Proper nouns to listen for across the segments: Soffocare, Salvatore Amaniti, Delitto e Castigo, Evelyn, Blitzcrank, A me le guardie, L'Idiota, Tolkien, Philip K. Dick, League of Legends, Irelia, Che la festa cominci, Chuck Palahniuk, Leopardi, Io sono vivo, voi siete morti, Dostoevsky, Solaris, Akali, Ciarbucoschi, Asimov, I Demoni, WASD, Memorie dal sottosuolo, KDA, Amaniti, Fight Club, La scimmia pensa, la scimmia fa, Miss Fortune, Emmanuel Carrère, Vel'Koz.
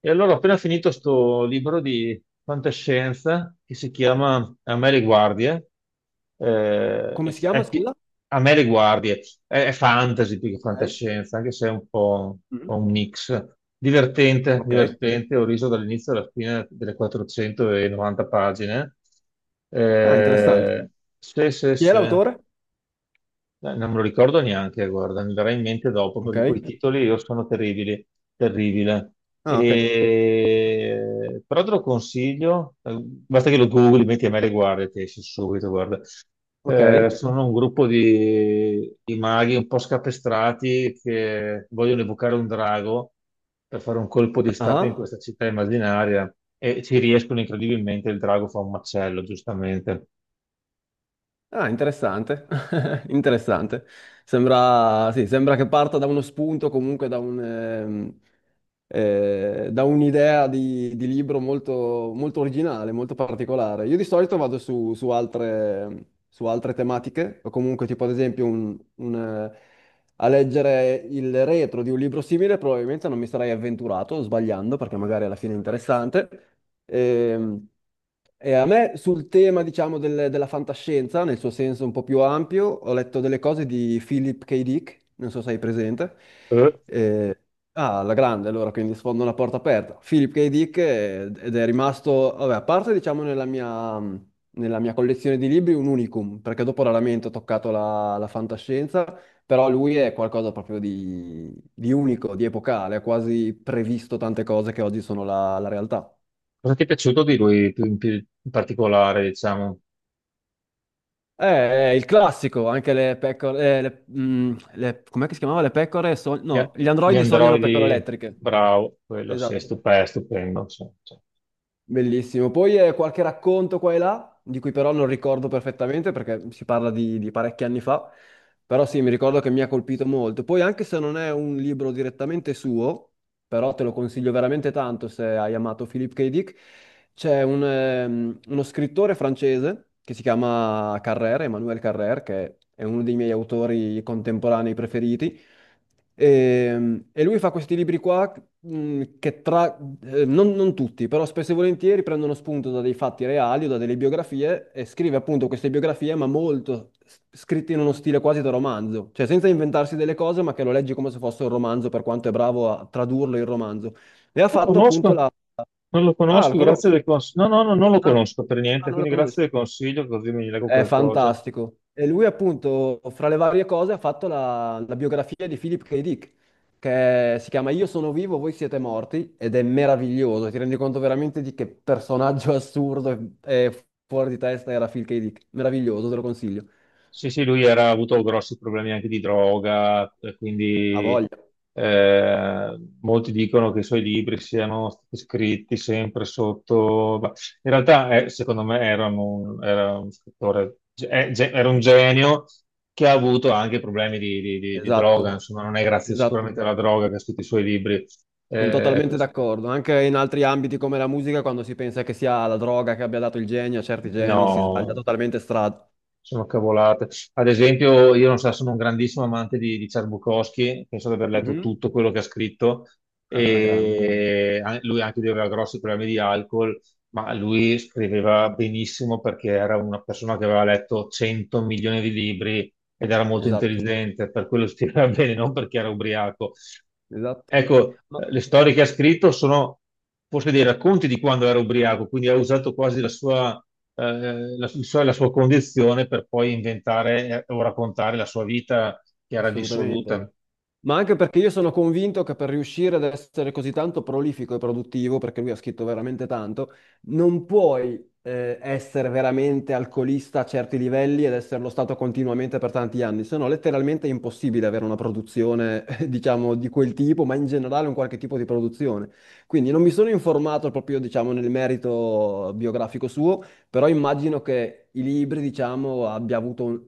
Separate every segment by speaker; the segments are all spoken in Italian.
Speaker 1: E allora ho appena finito sto libro di fantascienza che si chiama A me le guardie.
Speaker 2: Come si chiama,
Speaker 1: È pi-
Speaker 2: scusa?
Speaker 1: a me le guardie. È fantasy più che
Speaker 2: Ok.
Speaker 1: fantascienza, anche se è un po', un po'
Speaker 2: Mm.
Speaker 1: un mix. Divertente,
Speaker 2: Ok.
Speaker 1: divertente. Ho riso dall'inizio alla fine delle 490 pagine.
Speaker 2: Ah, interessante.
Speaker 1: Eh, sì, sì,
Speaker 2: Chi è
Speaker 1: sì.
Speaker 2: l'autore?
Speaker 1: Non me lo ricordo neanche, guarda, mi verrà in mente dopo
Speaker 2: Ok.
Speaker 1: perché quei titoli io sono terribili, terribile.
Speaker 2: Ah, ok.
Speaker 1: E... Però te lo consiglio, basta che lo googli, metti a me le guardie, ti esce subito, guarda.
Speaker 2: Ok.
Speaker 1: Sono un gruppo di maghi un po' scapestrati che vogliono evocare un drago per fare un colpo di stato in
Speaker 2: Ah,
Speaker 1: questa città immaginaria e ci riescono incredibilmente, il drago fa un macello, giustamente.
Speaker 2: ah, interessante. Interessante. Sembra, sì, sembra che parta da uno spunto, comunque da da un'idea di libro molto, molto originale, molto particolare. Io di solito vado su altre tematiche, o comunque tipo ad esempio a leggere il retro di un libro simile, probabilmente non mi sarei avventurato, sbagliando, perché magari alla fine è interessante. Ehm, E, a me sul tema, diciamo, della fantascienza, nel suo senso un po' più ampio, ho letto delle cose di Philip K. Dick, non so se hai presente. Eh, Ah, la grande, allora, quindi sfondo una porta aperta. Philip K. Dick, ed è rimasto, vabbè, a parte diciamo nella mia collezione di libri un unicum, perché dopo raramente ho toccato la fantascienza, però lui è qualcosa proprio di unico, di epocale, ha quasi previsto tante cose che oggi sono la realtà.
Speaker 1: Cosa ti è piaciuto di lui più in particolare, diciamo?
Speaker 2: Eh, È il classico, anche le pecore, com'è che si chiamava? Le pecore, sog-
Speaker 1: Gli, a-
Speaker 2: no, gli
Speaker 1: gli
Speaker 2: androidi sognano pecore
Speaker 1: androidi,
Speaker 2: elettriche.
Speaker 1: bravo, quello sì, è
Speaker 2: Esatto.
Speaker 1: stupendo, stupendo. Sì, sì.
Speaker 2: Bellissimo. Poi, qualche racconto qua e là, di cui però non ricordo perfettamente perché si parla di parecchi anni fa, però sì, mi ricordo che mi ha colpito molto. Poi anche se non è un libro direttamente suo, però te lo consiglio veramente tanto se hai amato Philip K. Dick, c'è un, uno scrittore francese che si chiama Carrère, Emmanuel Carrère, che è uno dei miei autori contemporanei preferiti. E lui fa questi libri qua, che tra, non, non tutti, però spesso e volentieri prendono spunto da dei fatti reali o da delle biografie e scrive appunto queste biografie, ma molto scritte in uno stile quasi da romanzo, cioè senza inventarsi delle cose, ma che lo leggi come se fosse un romanzo, per quanto è bravo a tradurlo in romanzo. E ha
Speaker 1: Lo
Speaker 2: fatto appunto
Speaker 1: conosco,
Speaker 2: la...
Speaker 1: non lo
Speaker 2: Ah, lo
Speaker 1: conosco, grazie
Speaker 2: conosco.
Speaker 1: del consiglio. No, no, no, non lo
Speaker 2: Ah,
Speaker 1: conosco per
Speaker 2: ah,
Speaker 1: niente,
Speaker 2: non lo
Speaker 1: quindi grazie
Speaker 2: conosco.
Speaker 1: del consiglio, così mi leggo
Speaker 2: È
Speaker 1: qualcosa.
Speaker 2: fantastico. E lui, appunto, fra le varie cose, ha fatto la biografia di Philip K. Dick, che si chiama Io sono vivo, voi siete morti, ed è meraviglioso. Ti rendi conto veramente di che personaggio assurdo e fuori di testa era Phil K. Dick. Meraviglioso, te lo consiglio.
Speaker 1: Sì, sì, lui era, ha avuto grossi problemi anche di droga, e
Speaker 2: Ha
Speaker 1: quindi
Speaker 2: voglia.
Speaker 1: molti dicono che i suoi libri siano stati scritti sempre sotto... ma in realtà, secondo me, era un scrittore, era un genio che ha avuto anche problemi di
Speaker 2: Esatto,
Speaker 1: droga, insomma, non è grazie
Speaker 2: esatto.
Speaker 1: sicuramente alla droga che ha scritto i suoi libri.
Speaker 2: Sono
Speaker 1: Ecco,
Speaker 2: totalmente d'accordo. Anche in altri ambiti come la musica, quando si pensa che sia la droga che abbia dato il genio a certi geni, si sbaglia
Speaker 1: no,
Speaker 2: totalmente strada.
Speaker 1: sono cavolate. Ad esempio, io non so, sono un grandissimo amante di Ciarbucoschi, penso di aver letto
Speaker 2: Mhm.
Speaker 1: tutto quello che ha scritto,
Speaker 2: Ah, grande.
Speaker 1: e an- lui anche lui aveva grossi problemi di alcol, ma lui scriveva benissimo perché era una persona che aveva letto 100 milioni di libri ed era molto
Speaker 2: Esatto.
Speaker 1: intelligente, per quello scriveva bene, non perché era ubriaco.
Speaker 2: Esatto.
Speaker 1: Ecco,
Speaker 2: Ma-
Speaker 1: le storie che ha scritto sono forse dei racconti di quando era ubriaco, quindi ha usato quasi la sua, la sua condizione per poi inventare o raccontare la sua vita che era
Speaker 2: assolutamente.
Speaker 1: dissoluta.
Speaker 2: Ma anche perché io sono convinto che per riuscire ad essere così tanto prolifico e produttivo, perché lui ha scritto veramente tanto, non puoi, essere veramente alcolista a certi livelli ed esserlo stato continuamente per tanti anni, se no letteralmente è impossibile avere una produzione, diciamo, di quel tipo, ma in generale un qualche tipo di produzione. Quindi non mi sono informato proprio, diciamo, nel merito biografico suo, però immagino che i libri, diciamo, abbia avuto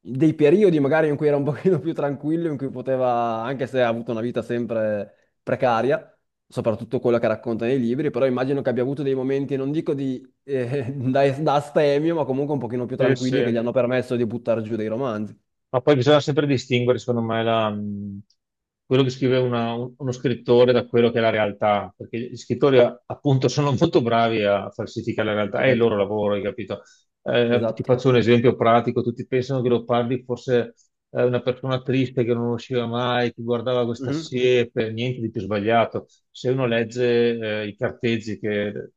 Speaker 2: dei periodi magari in cui era un pochino più tranquillo, in cui poteva, anche se ha avuto una vita sempre precaria, soprattutto quello che racconta nei libri, però immagino che abbia avuto dei momenti, non dico di, da astemio, ma comunque un pochino più
Speaker 1: Sì,
Speaker 2: tranquilli che gli
Speaker 1: sì.
Speaker 2: hanno permesso di buttare giù dei romanzi.
Speaker 1: Ma poi bisogna sempre distinguere, secondo me, la, quello che scrive uno scrittore da quello che è la realtà, perché gli scrittori appunto sono molto bravi a falsificare la realtà, è il
Speaker 2: Certo,
Speaker 1: loro lavoro, hai capito? Ti
Speaker 2: esatto.
Speaker 1: faccio un esempio pratico, tutti pensano che lo parli forse una persona triste che non usciva mai, che guardava questa
Speaker 2: Mhm,
Speaker 1: siepe, niente di più sbagliato. Se uno legge i carteggi che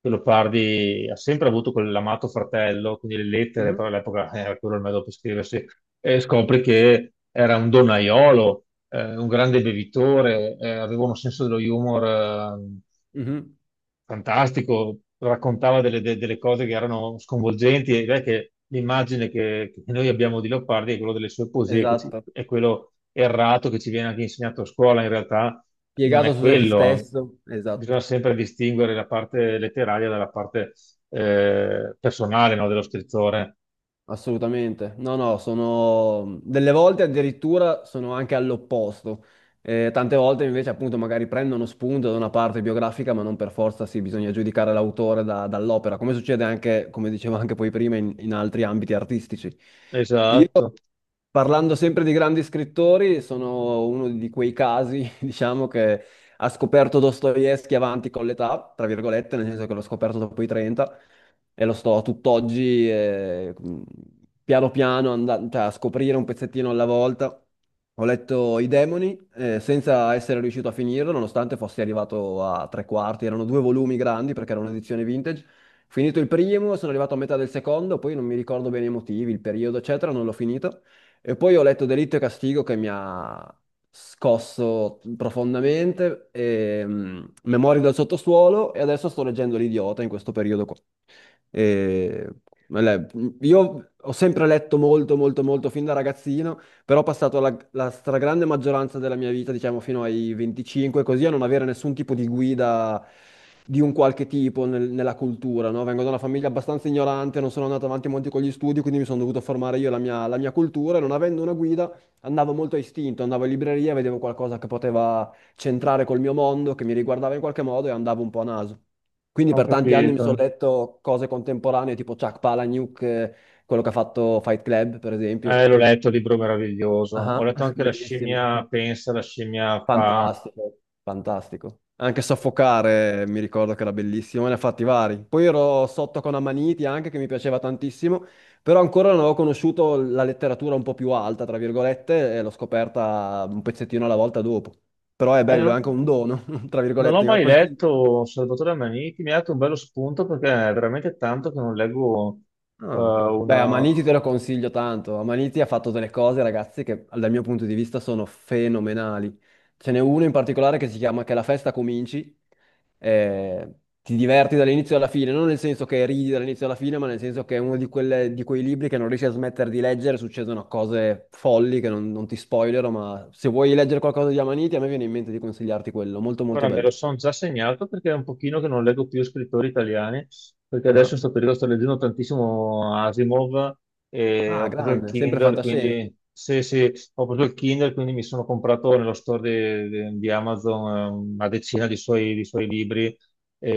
Speaker 1: che Leopardi ha sempre avuto quell'amato fratello, quindi le lettere,
Speaker 2: mhm,
Speaker 1: però all'epoca era quello il modo per scriversi, e scopri che era un donnaiolo, un grande bevitore, aveva un senso dello humor
Speaker 2: mhm,
Speaker 1: fantastico, raccontava delle cose che erano sconvolgenti e direi che l'immagine che noi abbiamo di Leopardi è quella delle sue poesie, che
Speaker 2: esatto.
Speaker 1: è quello errato che ci viene anche insegnato a scuola, in realtà non
Speaker 2: Piegato
Speaker 1: è
Speaker 2: su se
Speaker 1: quello.
Speaker 2: stesso, esatto.
Speaker 1: Bisogna sempre distinguere la parte letteraria dalla parte personale, no, dello scrittore.
Speaker 2: Assolutamente. No, no, sono delle volte addirittura sono anche all'opposto. Tante volte invece appunto magari prendono spunto da una parte biografica, ma non per forza sì, bisogna giudicare l'autore dall'opera, come succede anche, come dicevo anche poi prima, in altri ambiti artistici.
Speaker 1: Esatto,
Speaker 2: Parlando sempre di grandi scrittori, sono uno di quei casi, diciamo, che ha scoperto Dostoevsky avanti con l'età, tra virgolette, nel senso che l'ho scoperto dopo i 30 e lo sto tutt'oggi, piano piano, andando, a scoprire un pezzettino alla volta. Ho letto I Demoni, senza essere riuscito a finirlo, nonostante fossi arrivato a tre quarti, erano due volumi grandi perché era un'edizione vintage. Finito il primo, sono arrivato a metà del secondo, poi non mi ricordo bene i motivi, il periodo, eccetera, non l'ho finito. E poi ho letto Delitto e Castigo che mi ha scosso profondamente, e, mm, Memorie dal sottosuolo e adesso sto leggendo L'Idiota in questo periodo qua. E, le- io ho sempre letto molto, molto, molto fin da ragazzino, però ho passato la stragrande maggioranza della mia vita, diciamo fino ai 25, così a non avere nessun tipo di guida di un qualche tipo nella cultura, no? Vengo da una famiglia abbastanza ignorante, non sono andato avanti molto con gli studi, quindi mi sono dovuto formare io la mia cultura e non avendo una guida andavo molto a istinto, andavo in libreria, vedevo qualcosa che poteva centrare col mio mondo, che mi riguardava in qualche modo e andavo un po' a naso. Quindi
Speaker 1: ho
Speaker 2: per tanti anni mi sono
Speaker 1: capito.
Speaker 2: letto cose contemporanee tipo Chuck Palahniuk, quello che ha fatto Fight Club, per esempio.
Speaker 1: L'ho letto, il libro meraviglioso. Ho
Speaker 2: Ah,
Speaker 1: letto anche La
Speaker 2: bellissimo,
Speaker 1: scimmia pensa, la scimmia fa.
Speaker 2: fantastico, fantastico. Anche Soffocare mi ricordo che era bellissimo, ne ha fatti vari. Poi ero sotto con Amaniti anche, che mi piaceva tantissimo, però ancora non avevo conosciuto la letteratura un po' più alta, tra virgolette, e l'ho scoperta un pezzettino alla volta dopo. Però è bello, è
Speaker 1: Eh,
Speaker 2: anche un dono, tra
Speaker 1: Non l'ho
Speaker 2: virgolette, ma
Speaker 1: mai
Speaker 2: questa.
Speaker 1: letto Salvatore Amaniti, mi ha dato un bello spunto perché è veramente tanto che non leggo
Speaker 2: Ah, beh,
Speaker 1: una...
Speaker 2: Amaniti te lo consiglio tanto. Amaniti ha fatto delle cose, ragazzi, che dal mio punto di vista sono fenomenali. Ce n'è uno in particolare che si chiama Che la festa cominci. Eh, ti diverti dall'inizio alla fine, non nel senso che ridi dall'inizio alla fine, ma nel senso che è uno di, di quei libri che non riesci a smettere di leggere, succedono cose folli che non ti spoilerò, ma se vuoi leggere qualcosa di Amaniti, a me viene in mente di consigliarti quello, molto molto
Speaker 1: Ora me lo
Speaker 2: bello.
Speaker 1: sono già segnato perché è un pochino che non leggo più scrittori italiani, perché adesso
Speaker 2: Ah,
Speaker 1: in questo periodo sto leggendo tantissimo Asimov e
Speaker 2: ah,
Speaker 1: ho preso il
Speaker 2: grande, sempre
Speaker 1: Kindle,
Speaker 2: fantascienza.
Speaker 1: quindi... Sì, sì, ho preso il Kindle, quindi mi sono comprato nello store di, di Amazon una decina di suoi libri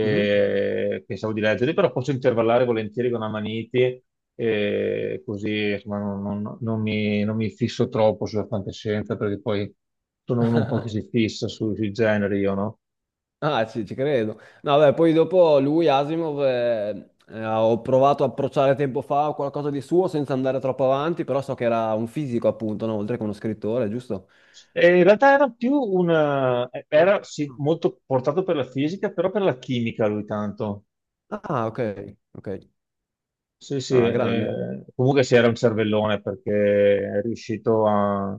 Speaker 2: Mhm.
Speaker 1: pensavo di leggere, però posso intervallare volentieri con Amaniti, così insomma, non mi fisso troppo sulla fantascienza, perché poi sono uno un po' che si fissa sui generi, io, no?
Speaker 2: Ah, sì, ci credo. No, beh, poi dopo lui, Asimov, ho provato a approcciare tempo fa qualcosa di suo senza andare troppo avanti, però so che era un fisico, appunto, no? Oltre che uno scrittore, giusto?
Speaker 1: E in realtà era più una...
Speaker 2: No?
Speaker 1: era sì, molto portato per la fisica, però per la chimica lui tanto.
Speaker 2: Ah, ok, ok.
Speaker 1: Sì, sì,
Speaker 2: Ah, grande.
Speaker 1: comunque si era un cervellone perché è riuscito a,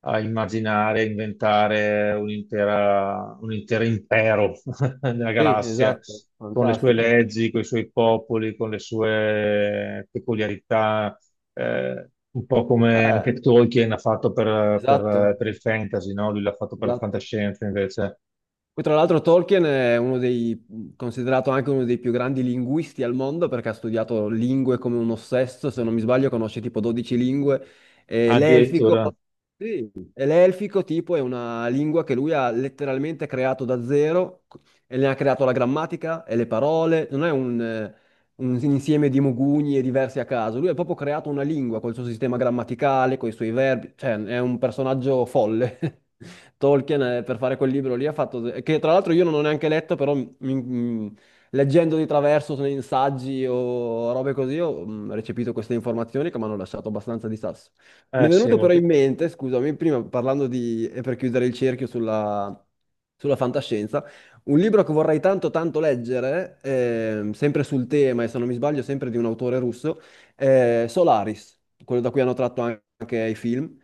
Speaker 1: a immaginare, a inventare un intero impero nella
Speaker 2: Sì,
Speaker 1: galassia,
Speaker 2: esatto,
Speaker 1: con le sue
Speaker 2: fantastico.
Speaker 1: leggi, con i suoi popoli, con le sue peculiarità, un po' come
Speaker 2: Eh,
Speaker 1: anche Tolkien ha fatto per,
Speaker 2: esatto,
Speaker 1: per il fantasy, no? Lui l'ha fatto per la
Speaker 2: esatto.
Speaker 1: fantascienza invece.
Speaker 2: Poi, tra l'altro, Tolkien è uno dei, considerato anche uno dei più grandi linguisti al mondo perché ha studiato lingue come un ossesso, se non mi sbaglio, conosce tipo 12 lingue. E l'elfico,
Speaker 1: Addirittura,
Speaker 2: sì, e l'elfico tipo è una lingua che lui ha letteralmente creato da zero e ne ha creato la grammatica e le parole. Non è un insieme di mogugni e diversi a caso. Lui ha proprio creato una lingua col suo sistema grammaticale, con i suoi verbi, cioè è un personaggio folle. Tolkien, per fare quel libro lì, ha fatto, che tra l'altro io non ho neanche letto, però leggendo di traverso nei saggi o robe così, ho, mm, recepito queste informazioni che mi hanno lasciato abbastanza di sasso. Mi è
Speaker 1: sì,
Speaker 2: venuto però
Speaker 1: molto-
Speaker 2: in mente, scusami, prima parlando di, e per chiudere il cerchio sulla fantascienza, un libro che vorrei tanto tanto leggere, sempre sul tema, e se non mi sbaglio, sempre di un autore russo, è Solaris, quello da cui hanno tratto anche i film.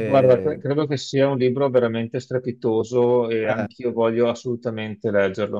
Speaker 1: Guarda, cre- credo che sia un libro veramente strepitoso e
Speaker 2: eh,
Speaker 1: anch'io voglio assolutamente leggerlo.